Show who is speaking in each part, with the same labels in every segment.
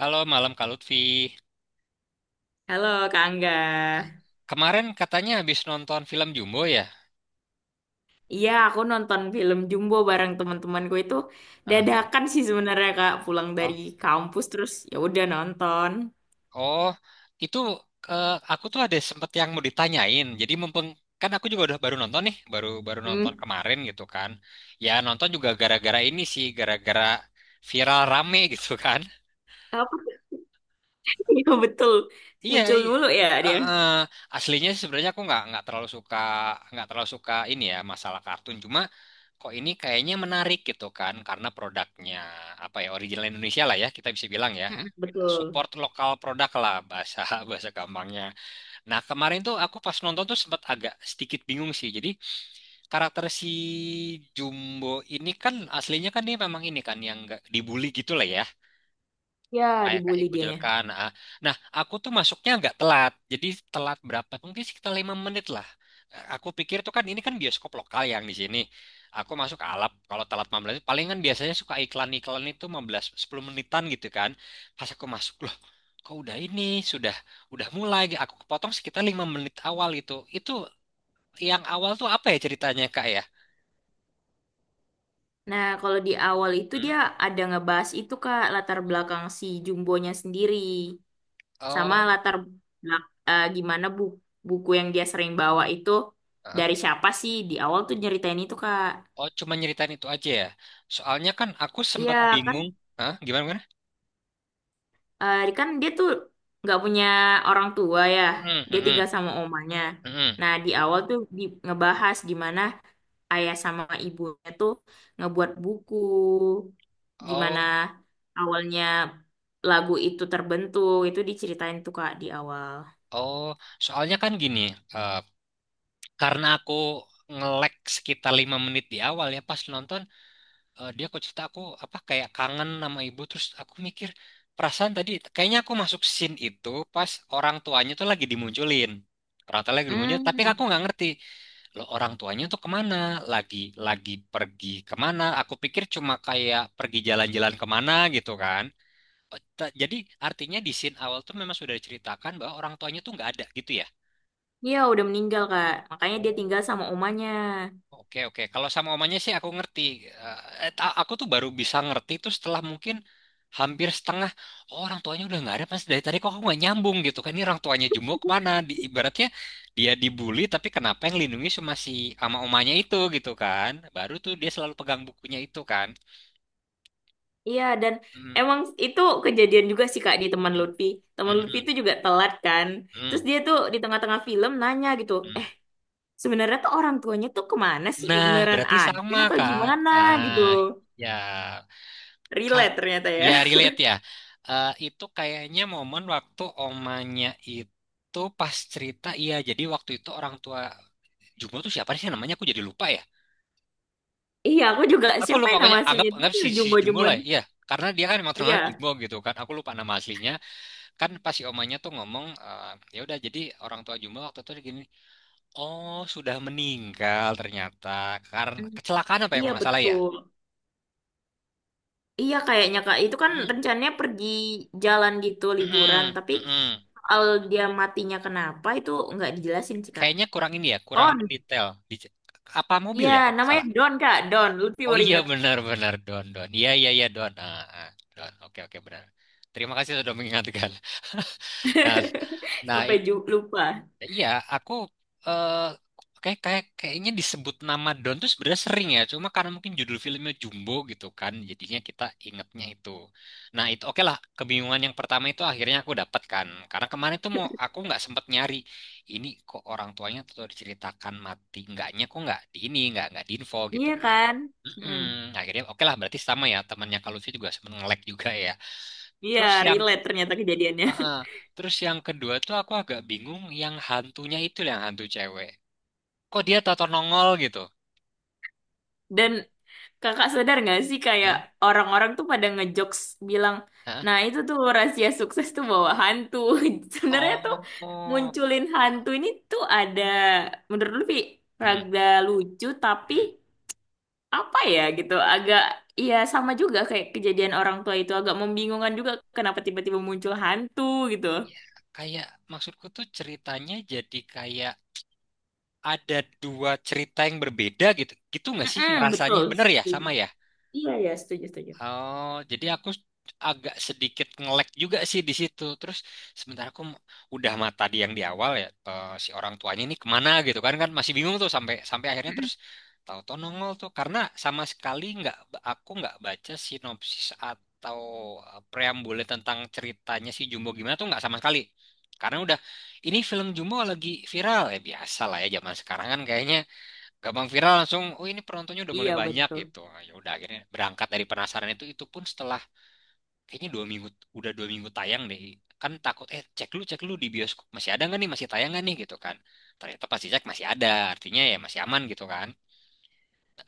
Speaker 1: Halo, malam Kak Lutfi.
Speaker 2: Halo Kak Angga.
Speaker 1: Nah, kemarin katanya habis nonton film Jumbo ya?
Speaker 2: Iya, aku nonton film Jumbo bareng teman-temanku itu
Speaker 1: Nah,
Speaker 2: dadakan sih sebenarnya Kak, pulang dari
Speaker 1: oh,
Speaker 2: kampus terus ya udah nonton.
Speaker 1: oh, itu aku tuh ada sempet yang mau ditanyain. Jadi mumpung kan aku juga udah baru nonton nih, baru baru nonton
Speaker 2: Hmm,
Speaker 1: kemarin gitu kan. Ya nonton juga gara-gara ini sih, gara-gara viral rame gitu kan.
Speaker 2: apa sih? Iya betul,
Speaker 1: Iya,
Speaker 2: muncul
Speaker 1: iya.
Speaker 2: mulu ya
Speaker 1: Eh,
Speaker 2: dia.
Speaker 1: eh, aslinya sih sebenarnya aku nggak terlalu suka ini ya masalah kartun. Cuma kok ini kayaknya menarik gitu kan karena produknya apa ya original Indonesia lah ya kita bisa bilang ya
Speaker 2: Mm-mm, betul.
Speaker 1: support lokal produk lah bahasa bahasa gampangnya. Nah kemarin tuh aku pas nonton tuh sempat agak sedikit bingung sih. Jadi karakter si Jumbo ini kan aslinya kan dia memang ini kan yang nggak dibully gitu lah ya
Speaker 2: Ya,
Speaker 1: kayak kayak
Speaker 2: dibully dianya.
Speaker 1: kucilkan. Nah, nah, aku tuh masuknya agak telat. Jadi telat berapa? Mungkin sekitar 5 menit lah. Aku pikir tuh kan ini kan bioskop lokal yang di sini. Aku masuk alap kalau telat 15, palingan biasanya suka iklan-iklan itu 15 10 menitan gitu kan. Pas aku masuk loh, kok udah ini sudah udah mulai. Aku kepotong sekitar 5 menit awal itu. Itu yang awal tuh apa ya ceritanya Kak ya?
Speaker 2: Nah, kalau di awal itu
Speaker 1: Hmm?
Speaker 2: dia ada ngebahas itu Kak, latar belakang si Jumbonya sendiri sama
Speaker 1: Oh,
Speaker 2: latar belak- eh, gimana bu buku yang dia sering bawa itu
Speaker 1: ah.
Speaker 2: dari siapa sih? Di awal tuh nyeritain itu Kak.
Speaker 1: Oh, cuma nyeritain itu aja ya. Soalnya kan aku
Speaker 2: Iya
Speaker 1: sempat
Speaker 2: kan,
Speaker 1: bingung. Hah? Gimana?
Speaker 2: kan dia tuh nggak punya orang tua ya,
Speaker 1: Hmm, hmm,
Speaker 2: dia tinggal
Speaker 1: hmm,
Speaker 2: sama omanya.
Speaker 1: hmm.
Speaker 2: Nah di awal tuh ngebahas gimana ayah sama ibunya tuh ngebuat buku, gimana
Speaker 1: Oh,
Speaker 2: awalnya lagu itu terbentuk, itu diceritain tuh Kak di awal.
Speaker 1: oh, soalnya kan gini, eh, karena aku nge-lag sekitar 5 menit di awal ya pas nonton, dia kok cerita aku apa kayak kangen sama ibu, terus aku mikir perasaan tadi kayaknya aku masuk scene itu pas orang tuanya tuh lagi dimunculin, orang tuanya lagi dimunculin, tapi
Speaker 2: Hmm,
Speaker 1: aku nggak ngerti loh orang tuanya tuh kemana, lagi lagi pergi kemana? Aku pikir cuma kayak pergi jalan-jalan kemana gitu kan. Jadi artinya di scene awal tuh memang sudah diceritakan bahwa orang tuanya tuh nggak ada gitu ya.
Speaker 2: iya udah meninggal Kak, makanya dia tinggal
Speaker 1: Oh.
Speaker 2: sama omanya.
Speaker 1: Oke oke, kalau sama omanya sih aku ngerti. Eh, aku tuh baru bisa ngerti itu setelah mungkin hampir setengah, oh, orang tuanya udah nggak ada pas dari tadi kok aku nggak nyambung gitu kan ini orang tuanya Jumbo kemana? Ibaratnya dia dibully tapi kenapa yang lindungi cuma si ama omanya itu gitu kan? Baru tuh dia selalu pegang bukunya itu kan.
Speaker 2: Iya, dan
Speaker 1: Hmm,
Speaker 2: emang itu kejadian juga sih Kak di teman Lutfi.
Speaker 1: hmm,
Speaker 2: Teman Lutfi
Speaker 1: hmm,
Speaker 2: itu juga telat kan.
Speaker 1: hmm,
Speaker 2: Terus
Speaker 1: hmm,
Speaker 2: dia tuh di tengah-tengah film nanya gitu,
Speaker 1: hmm.
Speaker 2: sebenarnya tuh orang tuanya tuh kemana sih?
Speaker 1: Nah,
Speaker 2: Beneran
Speaker 1: berarti
Speaker 2: ada
Speaker 1: sama
Speaker 2: atau
Speaker 1: kan?
Speaker 2: gimana gitu.
Speaker 1: Nah, ya, Kak,
Speaker 2: Relate ternyata ya.
Speaker 1: ya relate ya. Itu kayaknya momen waktu omanya itu pas cerita, iya. Jadi waktu itu orang tua Jumbo tuh siapa sih namanya? Aku jadi lupa ya.
Speaker 2: Iya, aku juga
Speaker 1: Aku
Speaker 2: siapa
Speaker 1: lupa
Speaker 2: yang nama
Speaker 1: pokoknya anggap
Speaker 2: aslinya itu
Speaker 1: anggap si Jumbo lah
Speaker 2: Jumbo-Jumbon.
Speaker 1: ya. Iya, karena dia kan emang terkenal
Speaker 2: Iya.
Speaker 1: Jumbo gitu kan. Aku lupa nama aslinya. Kan pas si omanya tuh ngomong, ya udah jadi orang tua Jumbo waktu itu gini, oh sudah meninggal ternyata karena
Speaker 2: Mm,
Speaker 1: kecelakaan apa ya
Speaker 2: iya
Speaker 1: kalau nggak salah ya.
Speaker 2: betul. Iya kayaknya Kak, itu kan
Speaker 1: Hmm.
Speaker 2: rencananya pergi jalan gitu liburan,
Speaker 1: Mm-mm,
Speaker 2: tapi
Speaker 1: mm-mm.
Speaker 2: al dia matinya kenapa itu nggak dijelasin sih Kak.
Speaker 1: Kayaknya kurang ini ya, kurang
Speaker 2: Oh,
Speaker 1: mendetail. Apa mobil
Speaker 2: iya,
Speaker 1: ya kalau nggak
Speaker 2: namanya
Speaker 1: salah?
Speaker 2: Don, Kak. Don, Lutfi
Speaker 1: Oh
Speaker 2: baru
Speaker 1: iya
Speaker 2: inget.
Speaker 1: benar-benar Don Don. Iya iya iya Don. Ah, ah, Don. Oke oke benar. Terima kasih sudah mengingatkan. Nah nah
Speaker 2: Sampai
Speaker 1: itu,
Speaker 2: ju- lupa.
Speaker 1: iya, aku eh kayak kayak kayaknya disebut nama Don tuh sebenarnya sering ya. Cuma karena mungkin judul filmnya Jumbo gitu kan, jadinya kita ingetnya itu. Nah itu oke lah. Kebingungan yang pertama itu akhirnya aku dapatkan. Karena kemarin tuh mau aku nggak sempet nyari. Ini kok orang tuanya tuh diceritakan mati, enggaknya kok nggak di ini, nggak di info gitu
Speaker 2: Iya
Speaker 1: kan.
Speaker 2: kan? Mm.
Speaker 1: Mm-mm. Akhirnya oke lah berarti sama ya temannya kalau sih juga sempat nge-lag juga ya.
Speaker 2: Iya,
Speaker 1: Terus yang
Speaker 2: relate ternyata kejadiannya.
Speaker 1: Heeh. Terus yang kedua tuh aku agak bingung yang hantunya itu loh, yang hantu cewek. Kok dia tato nongol gitu?
Speaker 2: Dan kakak sadar nggak sih kayak
Speaker 1: Hah?
Speaker 2: orang-orang tuh pada ngejokes bilang,
Speaker 1: Hah?
Speaker 2: nah itu tuh rahasia sukses tuh bawa hantu. Sebenarnya tuh
Speaker 1: Oh.
Speaker 2: munculin hantu ini tuh ada, menurut Lutfi,
Speaker 1: Hmm.
Speaker 2: rada lucu tapi
Speaker 1: Hmm.
Speaker 2: apa ya gitu agak, ya sama juga kayak kejadian orang tua itu agak membingungkan juga kenapa tiba-tiba muncul hantu gitu.
Speaker 1: Ya, kayak maksudku tuh ceritanya jadi kayak ada dua cerita yang berbeda gitu. Gitu nggak sih
Speaker 2: Mm-mm,
Speaker 1: ngerasanya?
Speaker 2: betul.
Speaker 1: Bener ya?
Speaker 2: Setuju.
Speaker 1: Sama ya?
Speaker 2: Iya ya setuju setuju.
Speaker 1: Oh, jadi aku agak sedikit nge-lag juga sih di situ. Terus sementara aku udah mata di yang di awal ya, si orang tuanya ini kemana gitu kan kan masih bingung tuh sampai sampai akhirnya
Speaker 2: Mm-mm.
Speaker 1: terus tahu-tahu nongol tuh karena sama sekali nggak aku nggak baca sinopsis atau preambule tentang ceritanya si Jumbo gimana tuh nggak sama sekali. Karena udah ini film Jumbo lagi viral ya biasa lah ya zaman sekarang kan kayaknya gampang viral langsung oh ini penontonnya udah mulai
Speaker 2: Iya
Speaker 1: banyak
Speaker 2: betul.
Speaker 1: gitu. Ah, ya udah akhirnya berangkat dari penasaran itu pun setelah kayaknya 2 minggu, udah 2 minggu tayang deh, kan takut, cek dulu di bioskop masih ada nggak nih, masih tayang nggak nih gitu kan, ternyata pasti cek masih ada, artinya ya masih aman gitu kan,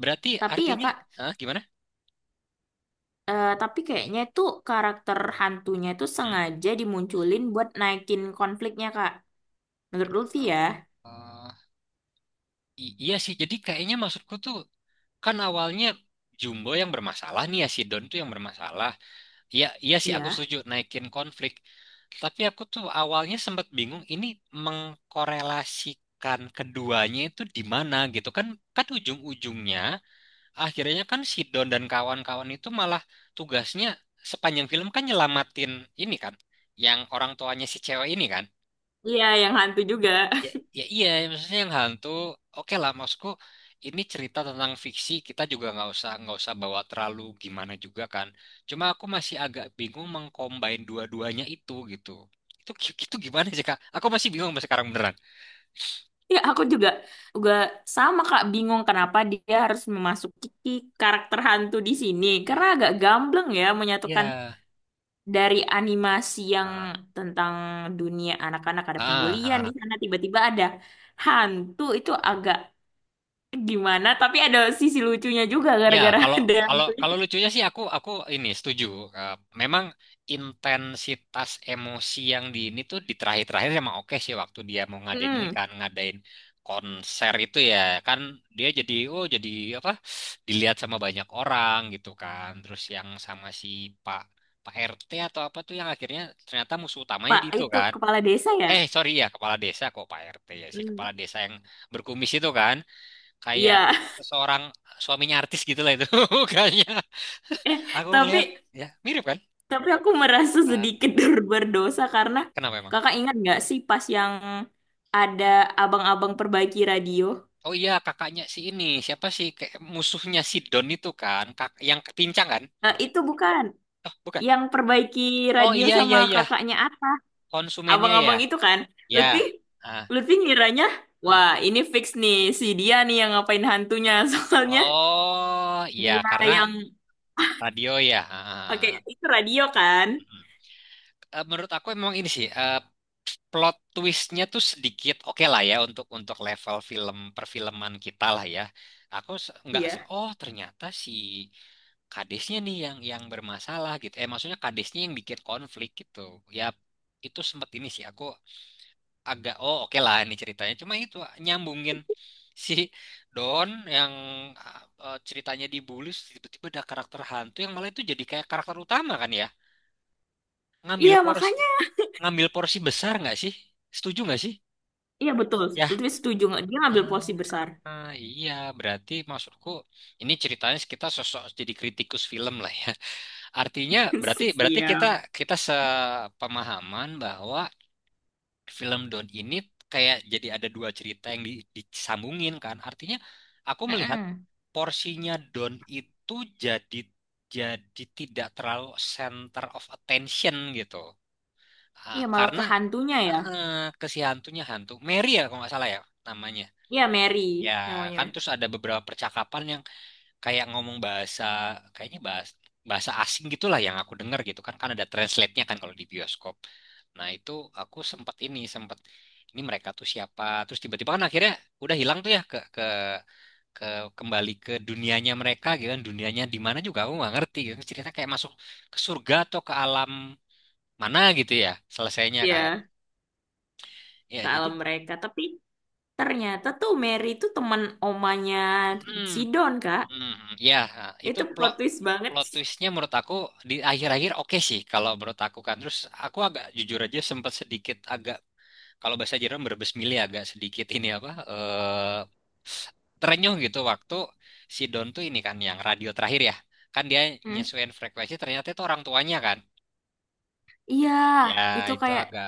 Speaker 1: berarti
Speaker 2: Tapi ya
Speaker 1: artinya,
Speaker 2: Kak,
Speaker 1: ah, gimana.
Speaker 2: tapi kayaknya itu karakter hantunya itu
Speaker 1: Hmm?
Speaker 2: sengaja dimunculin buat naikin konfliknya Kak. Menurut Lutfi ya.
Speaker 1: Oh, eh, iya sih jadi kayaknya maksudku tuh kan awalnya Jumbo yang bermasalah nih ya, si Don tuh yang bermasalah. Iya, iya sih aku
Speaker 2: Iya.
Speaker 1: setuju naikin konflik. Tapi aku tuh awalnya sempat bingung ini mengkorelasikan keduanya itu di mana gitu kan kan ujung-ujungnya akhirnya kan si Don dan kawan-kawan itu malah tugasnya sepanjang film kan nyelamatin ini kan yang orang tuanya si cewek ini kan.
Speaker 2: Iya yang hantu juga.
Speaker 1: Ya, ya iya, maksudnya yang hantu, oke lah, maksudku ini cerita tentang fiksi, kita juga nggak usah bawa terlalu gimana juga kan. Cuma aku masih agak bingung mengcombine dua-duanya itu gitu. Itu itu gimana sih Kak? Aku masih bingung sampai sekarang beneran.
Speaker 2: Ya, aku juga juga sama Kak bingung kenapa dia harus memasuki karakter hantu di sini. Karena
Speaker 1: Ya.
Speaker 2: agak gambleng ya menyatukan
Speaker 1: Ya.
Speaker 2: dari animasi yang
Speaker 1: Ah,
Speaker 2: tentang dunia anak-anak ada
Speaker 1: ah,
Speaker 2: pembulian di
Speaker 1: ah.
Speaker 2: sana tiba-tiba ada hantu itu agak gimana tapi ada sisi lucunya juga
Speaker 1: Ya,
Speaker 2: gara-gara
Speaker 1: kalau
Speaker 2: ada
Speaker 1: kalau
Speaker 2: hantu
Speaker 1: kalau
Speaker 2: itu.
Speaker 1: lucunya sih aku ini setuju. Eh, memang intensitas emosi yang di ini tuh di terakhir-terakhir emang oke sih waktu dia mau ngadain ini
Speaker 2: Mm,
Speaker 1: kan ngadain konser itu ya, kan dia jadi oh jadi apa dilihat sama banyak orang gitu kan. Terus yang sama si Pak Pak RT atau apa tuh yang akhirnya ternyata musuh utamanya
Speaker 2: Pak
Speaker 1: di itu
Speaker 2: itu
Speaker 1: kan.
Speaker 2: kepala desa ya?
Speaker 1: Sorry ya kepala desa kok Pak RT ya, si kepala
Speaker 2: Hmm.
Speaker 1: desa yang berkumis itu kan, kayak
Speaker 2: Iya.
Speaker 1: seseorang suaminya artis gitu lah itu mukanya
Speaker 2: Eh,
Speaker 1: aku
Speaker 2: tapi
Speaker 1: ngelihat ya mirip kan.
Speaker 2: Tapi aku merasa
Speaker 1: Ah,
Speaker 2: sedikit berdosa karena
Speaker 1: kenapa emang?
Speaker 2: kakak ingat nggak sih pas yang ada abang-abang perbaiki radio?
Speaker 1: Oh iya kakaknya si ini siapa sih, kayak musuhnya si Don itu kan Kak, yang pincang kan.
Speaker 2: Eh, itu bukan
Speaker 1: Oh bukan,
Speaker 2: yang perbaiki
Speaker 1: oh
Speaker 2: radio
Speaker 1: iya
Speaker 2: sama
Speaker 1: iya iya
Speaker 2: kakaknya Atta.
Speaker 1: konsumennya ya,
Speaker 2: Abang-abang itu kan,
Speaker 1: ya,
Speaker 2: Lutfi,
Speaker 1: ah,
Speaker 2: Lutfi ngiranya,
Speaker 1: hmm.
Speaker 2: wah ini fix nih si dia nih yang ngapain hantunya soalnya
Speaker 1: Oh iya
Speaker 2: dia
Speaker 1: karena
Speaker 2: yang
Speaker 1: radio ya.
Speaker 2: pakai
Speaker 1: Ah,
Speaker 2: itu radio kan?
Speaker 1: hmm. Menurut aku memang ini sih, plot twistnya tuh sedikit oke lah ya untuk level film perfilman kita lah ya. Aku se- nggak se-
Speaker 2: Iya,
Speaker 1: oh ternyata si kadesnya nih yang bermasalah gitu. Maksudnya kadesnya yang bikin konflik gitu. Ya itu sempet ini sih aku agak oh oke lah ini ceritanya. Cuma itu nyambungin si Don yang eh, ceritanya dibully terus tiba-tiba ada karakter hantu yang malah itu jadi kayak karakter utama kan ya. Ngambil
Speaker 2: iya
Speaker 1: porsi
Speaker 2: makanya,
Speaker 1: ngambil porsi besar nggak sih? Setuju nggak sih?
Speaker 2: iya betul.
Speaker 1: Ya,
Speaker 2: Lutfi setuju nggak? Dia ngambil posisi besar.
Speaker 1: ah, iya, berarti maksudku ini ceritanya kita sosok jadi kritikus film lah ya. Artinya berarti berarti kita
Speaker 2: Siap.
Speaker 1: kita sepemahaman bahwa film Don ini kayak jadi ada dua cerita yang disambungin kan. Artinya aku melihat
Speaker 2: Mm-mm.
Speaker 1: porsinya Don itu jadi jadi tidak terlalu center of attention gitu. Ah,
Speaker 2: Iya malah ke
Speaker 1: karena,
Speaker 2: hantunya ya.
Speaker 1: heeh, ke si hantunya, hantu Mary ya kalau nggak salah ya namanya,
Speaker 2: Iya, Mary
Speaker 1: ya
Speaker 2: namanya.
Speaker 1: kan terus ada beberapa percakapan yang kayak ngomong bahasa, kayaknya bahasa bahasa asing gitulah yang aku dengar gitu kan kan ada translate-nya kan kalau di bioskop. Nah itu aku sempat ini mereka tuh siapa, terus tiba-tiba kan akhirnya udah hilang tuh ya ke kembali ke dunianya mereka gitu kan, dunianya di mana juga aku nggak ngerti gitu, cerita kayak masuk ke surga atau ke alam mana gitu ya selesainya kan,
Speaker 2: Iya,
Speaker 1: ya
Speaker 2: ke alam
Speaker 1: jadi.
Speaker 2: mereka. Tapi ternyata tuh Mary itu teman omanya Sidon, Kak.
Speaker 1: Hmm, ya, itu
Speaker 2: Itu plot
Speaker 1: plot
Speaker 2: twist banget
Speaker 1: plot
Speaker 2: sih.
Speaker 1: twistnya menurut aku di akhir-akhir oke sih kalau menurut aku kan. Terus aku agak jujur aja sempat sedikit agak, kalau bahasa Jerman berbesmili, agak sedikit ini apa, terenyuh gitu waktu si Don tuh ini kan yang radio terakhir ya. Kan dia
Speaker 2: Hmm.
Speaker 1: nyesuaiin frekuensi ternyata itu orang tuanya kan.
Speaker 2: Iya,
Speaker 1: Ya,
Speaker 2: itu
Speaker 1: itu
Speaker 2: kayak
Speaker 1: agak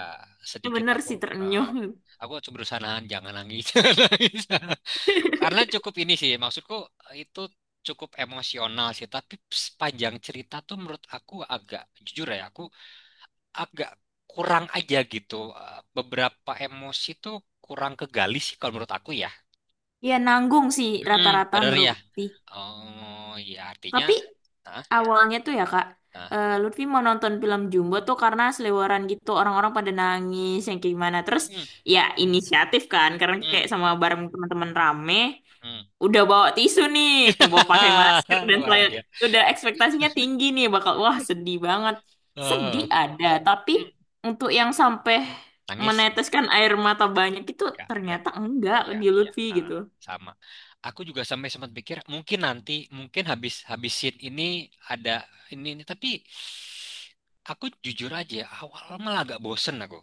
Speaker 1: sedikit
Speaker 2: bener sih
Speaker 1: eh,
Speaker 2: terenyuh.
Speaker 1: aku coba berusaha nahan jangan nangis. Jangan nangis. Karena cukup ini sih, maksudku, itu cukup emosional sih. Tapi sepanjang cerita tuh menurut aku agak, jujur ya, aku agak kurang aja gitu. Beberapa emosi tuh kurang kegali sih kalau menurut aku ya.
Speaker 2: Iya, nanggung sih
Speaker 1: Mm-mm,
Speaker 2: rata-rata
Speaker 1: bener
Speaker 2: menurut
Speaker 1: ya.
Speaker 2: Bukti.
Speaker 1: Oh ya artinya,
Speaker 2: Tapi
Speaker 1: nah,
Speaker 2: Awalnya tuh ya Kak,
Speaker 1: nah,
Speaker 2: Lutfi mau nonton film Jumbo tuh karena selebaran gitu orang-orang pada nangis yang kayak gimana. Terus
Speaker 1: mm,
Speaker 2: ya inisiatif kan karena kayak
Speaker 1: mm,
Speaker 2: sama bareng teman-teman rame,
Speaker 1: mm.
Speaker 2: udah bawa tisu nih, bawa pakai masker dan
Speaker 1: Luar
Speaker 2: saya
Speaker 1: biasa.
Speaker 2: udah ekspektasinya tinggi nih bakal wah sedih banget. Sedih
Speaker 1: Eh,
Speaker 2: ada, tapi
Speaker 1: mm.
Speaker 2: untuk yang sampai
Speaker 1: Nangis nggak?
Speaker 2: meneteskan air mata banyak itu
Speaker 1: Nggak, nggak.
Speaker 2: ternyata enggak
Speaker 1: Iya,
Speaker 2: di
Speaker 1: iya.
Speaker 2: Lutfi
Speaker 1: Ah,
Speaker 2: gitu.
Speaker 1: sama. Aku juga sampai sempat pikir mungkin nanti, mungkin habis habis scene ini ada ini tapi aku jujur aja awal malah agak bosen aku.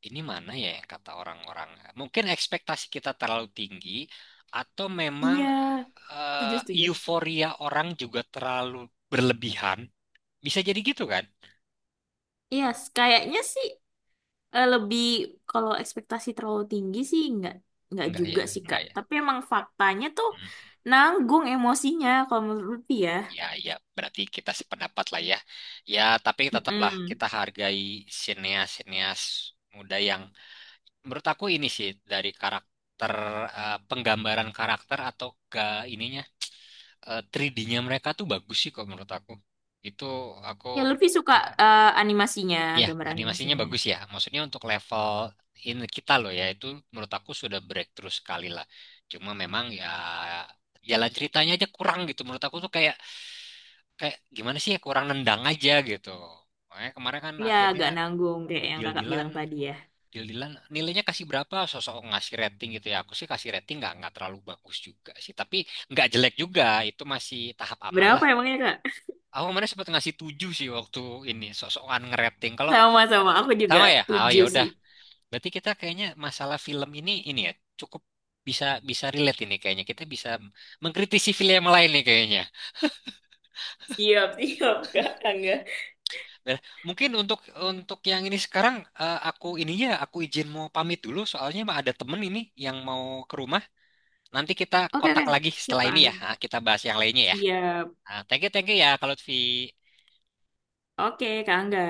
Speaker 1: Ini mana ya yang kata orang-orang? Mungkin ekspektasi kita terlalu tinggi, atau memang,
Speaker 2: Iya, setuju,
Speaker 1: eh,
Speaker 2: setuju.
Speaker 1: euforia orang juga terlalu berlebihan. Bisa jadi gitu kan?
Speaker 2: Iya, kayaknya sih lebih kalau ekspektasi terlalu tinggi sih nggak
Speaker 1: Enggak
Speaker 2: juga
Speaker 1: ya,
Speaker 2: sih
Speaker 1: enggak
Speaker 2: Kak.
Speaker 1: ya.
Speaker 2: Tapi emang faktanya tuh
Speaker 1: Hmm.
Speaker 2: nanggung emosinya kalau menurut Lutfi ya.
Speaker 1: Ya, ya, berarti kita sependapat lah ya. Ya, tapi tetaplah
Speaker 2: Mm-mm.
Speaker 1: kita hargai sineas-sineas muda yang, menurut aku ini sih dari karakter, penggambaran karakter atau ke ininya, 3D-nya mereka tuh bagus sih kok menurut aku. Itu aku,
Speaker 2: Ya Lutfi suka animasinya,
Speaker 1: ya,
Speaker 2: gambar
Speaker 1: animasinya
Speaker 2: animasinya.
Speaker 1: bagus ya. Maksudnya untuk level ini kita loh ya, itu menurut aku sudah breakthrough sekali lah. Cuma memang ya jalan ceritanya aja kurang gitu menurut aku tuh, kayak kayak gimana sih ya, kurang nendang aja gitu. Makanya kemarin kan
Speaker 2: Ya
Speaker 1: akhirnya
Speaker 2: agak nanggung kayak yang Kakak
Speaker 1: deal-dealan
Speaker 2: bilang tadi ya.
Speaker 1: deal-dealan nilainya kasih berapa, sosok ngasih rating gitu ya. Aku sih kasih rating nggak terlalu bagus juga sih, tapi nggak jelek juga. Itu masih tahap aman
Speaker 2: Berapa
Speaker 1: lah kalau.
Speaker 2: emangnya Kak?
Speaker 1: Aku kemarin sempat ngasih 7 sih waktu ini sosokan ngerating. Kalau
Speaker 2: Sama-sama, aku juga
Speaker 1: sama ya, oh ya
Speaker 2: tujuh
Speaker 1: udah.
Speaker 2: sih.
Speaker 1: Berarti kita kayaknya masalah film ini ya cukup bisa bisa relate ini kayaknya. Kita bisa mengkritisi film yang lain nih kayaknya.
Speaker 2: Siap, siap Kak Angga.
Speaker 1: Eh, Mungkin untuk yang ini sekarang, aku ininya aku izin mau pamit dulu soalnya mah ada temen ini yang mau ke rumah. Nanti kita
Speaker 2: Oke,
Speaker 1: kontak
Speaker 2: oke.
Speaker 1: lagi
Speaker 2: Siap
Speaker 1: setelah
Speaker 2: Kak
Speaker 1: ini
Speaker 2: Angga.
Speaker 1: ya. Ah, kita bahas yang lainnya ya.
Speaker 2: Siap.
Speaker 1: Ah, thank you ya kalau Lutfi.
Speaker 2: Oke Kak Angga.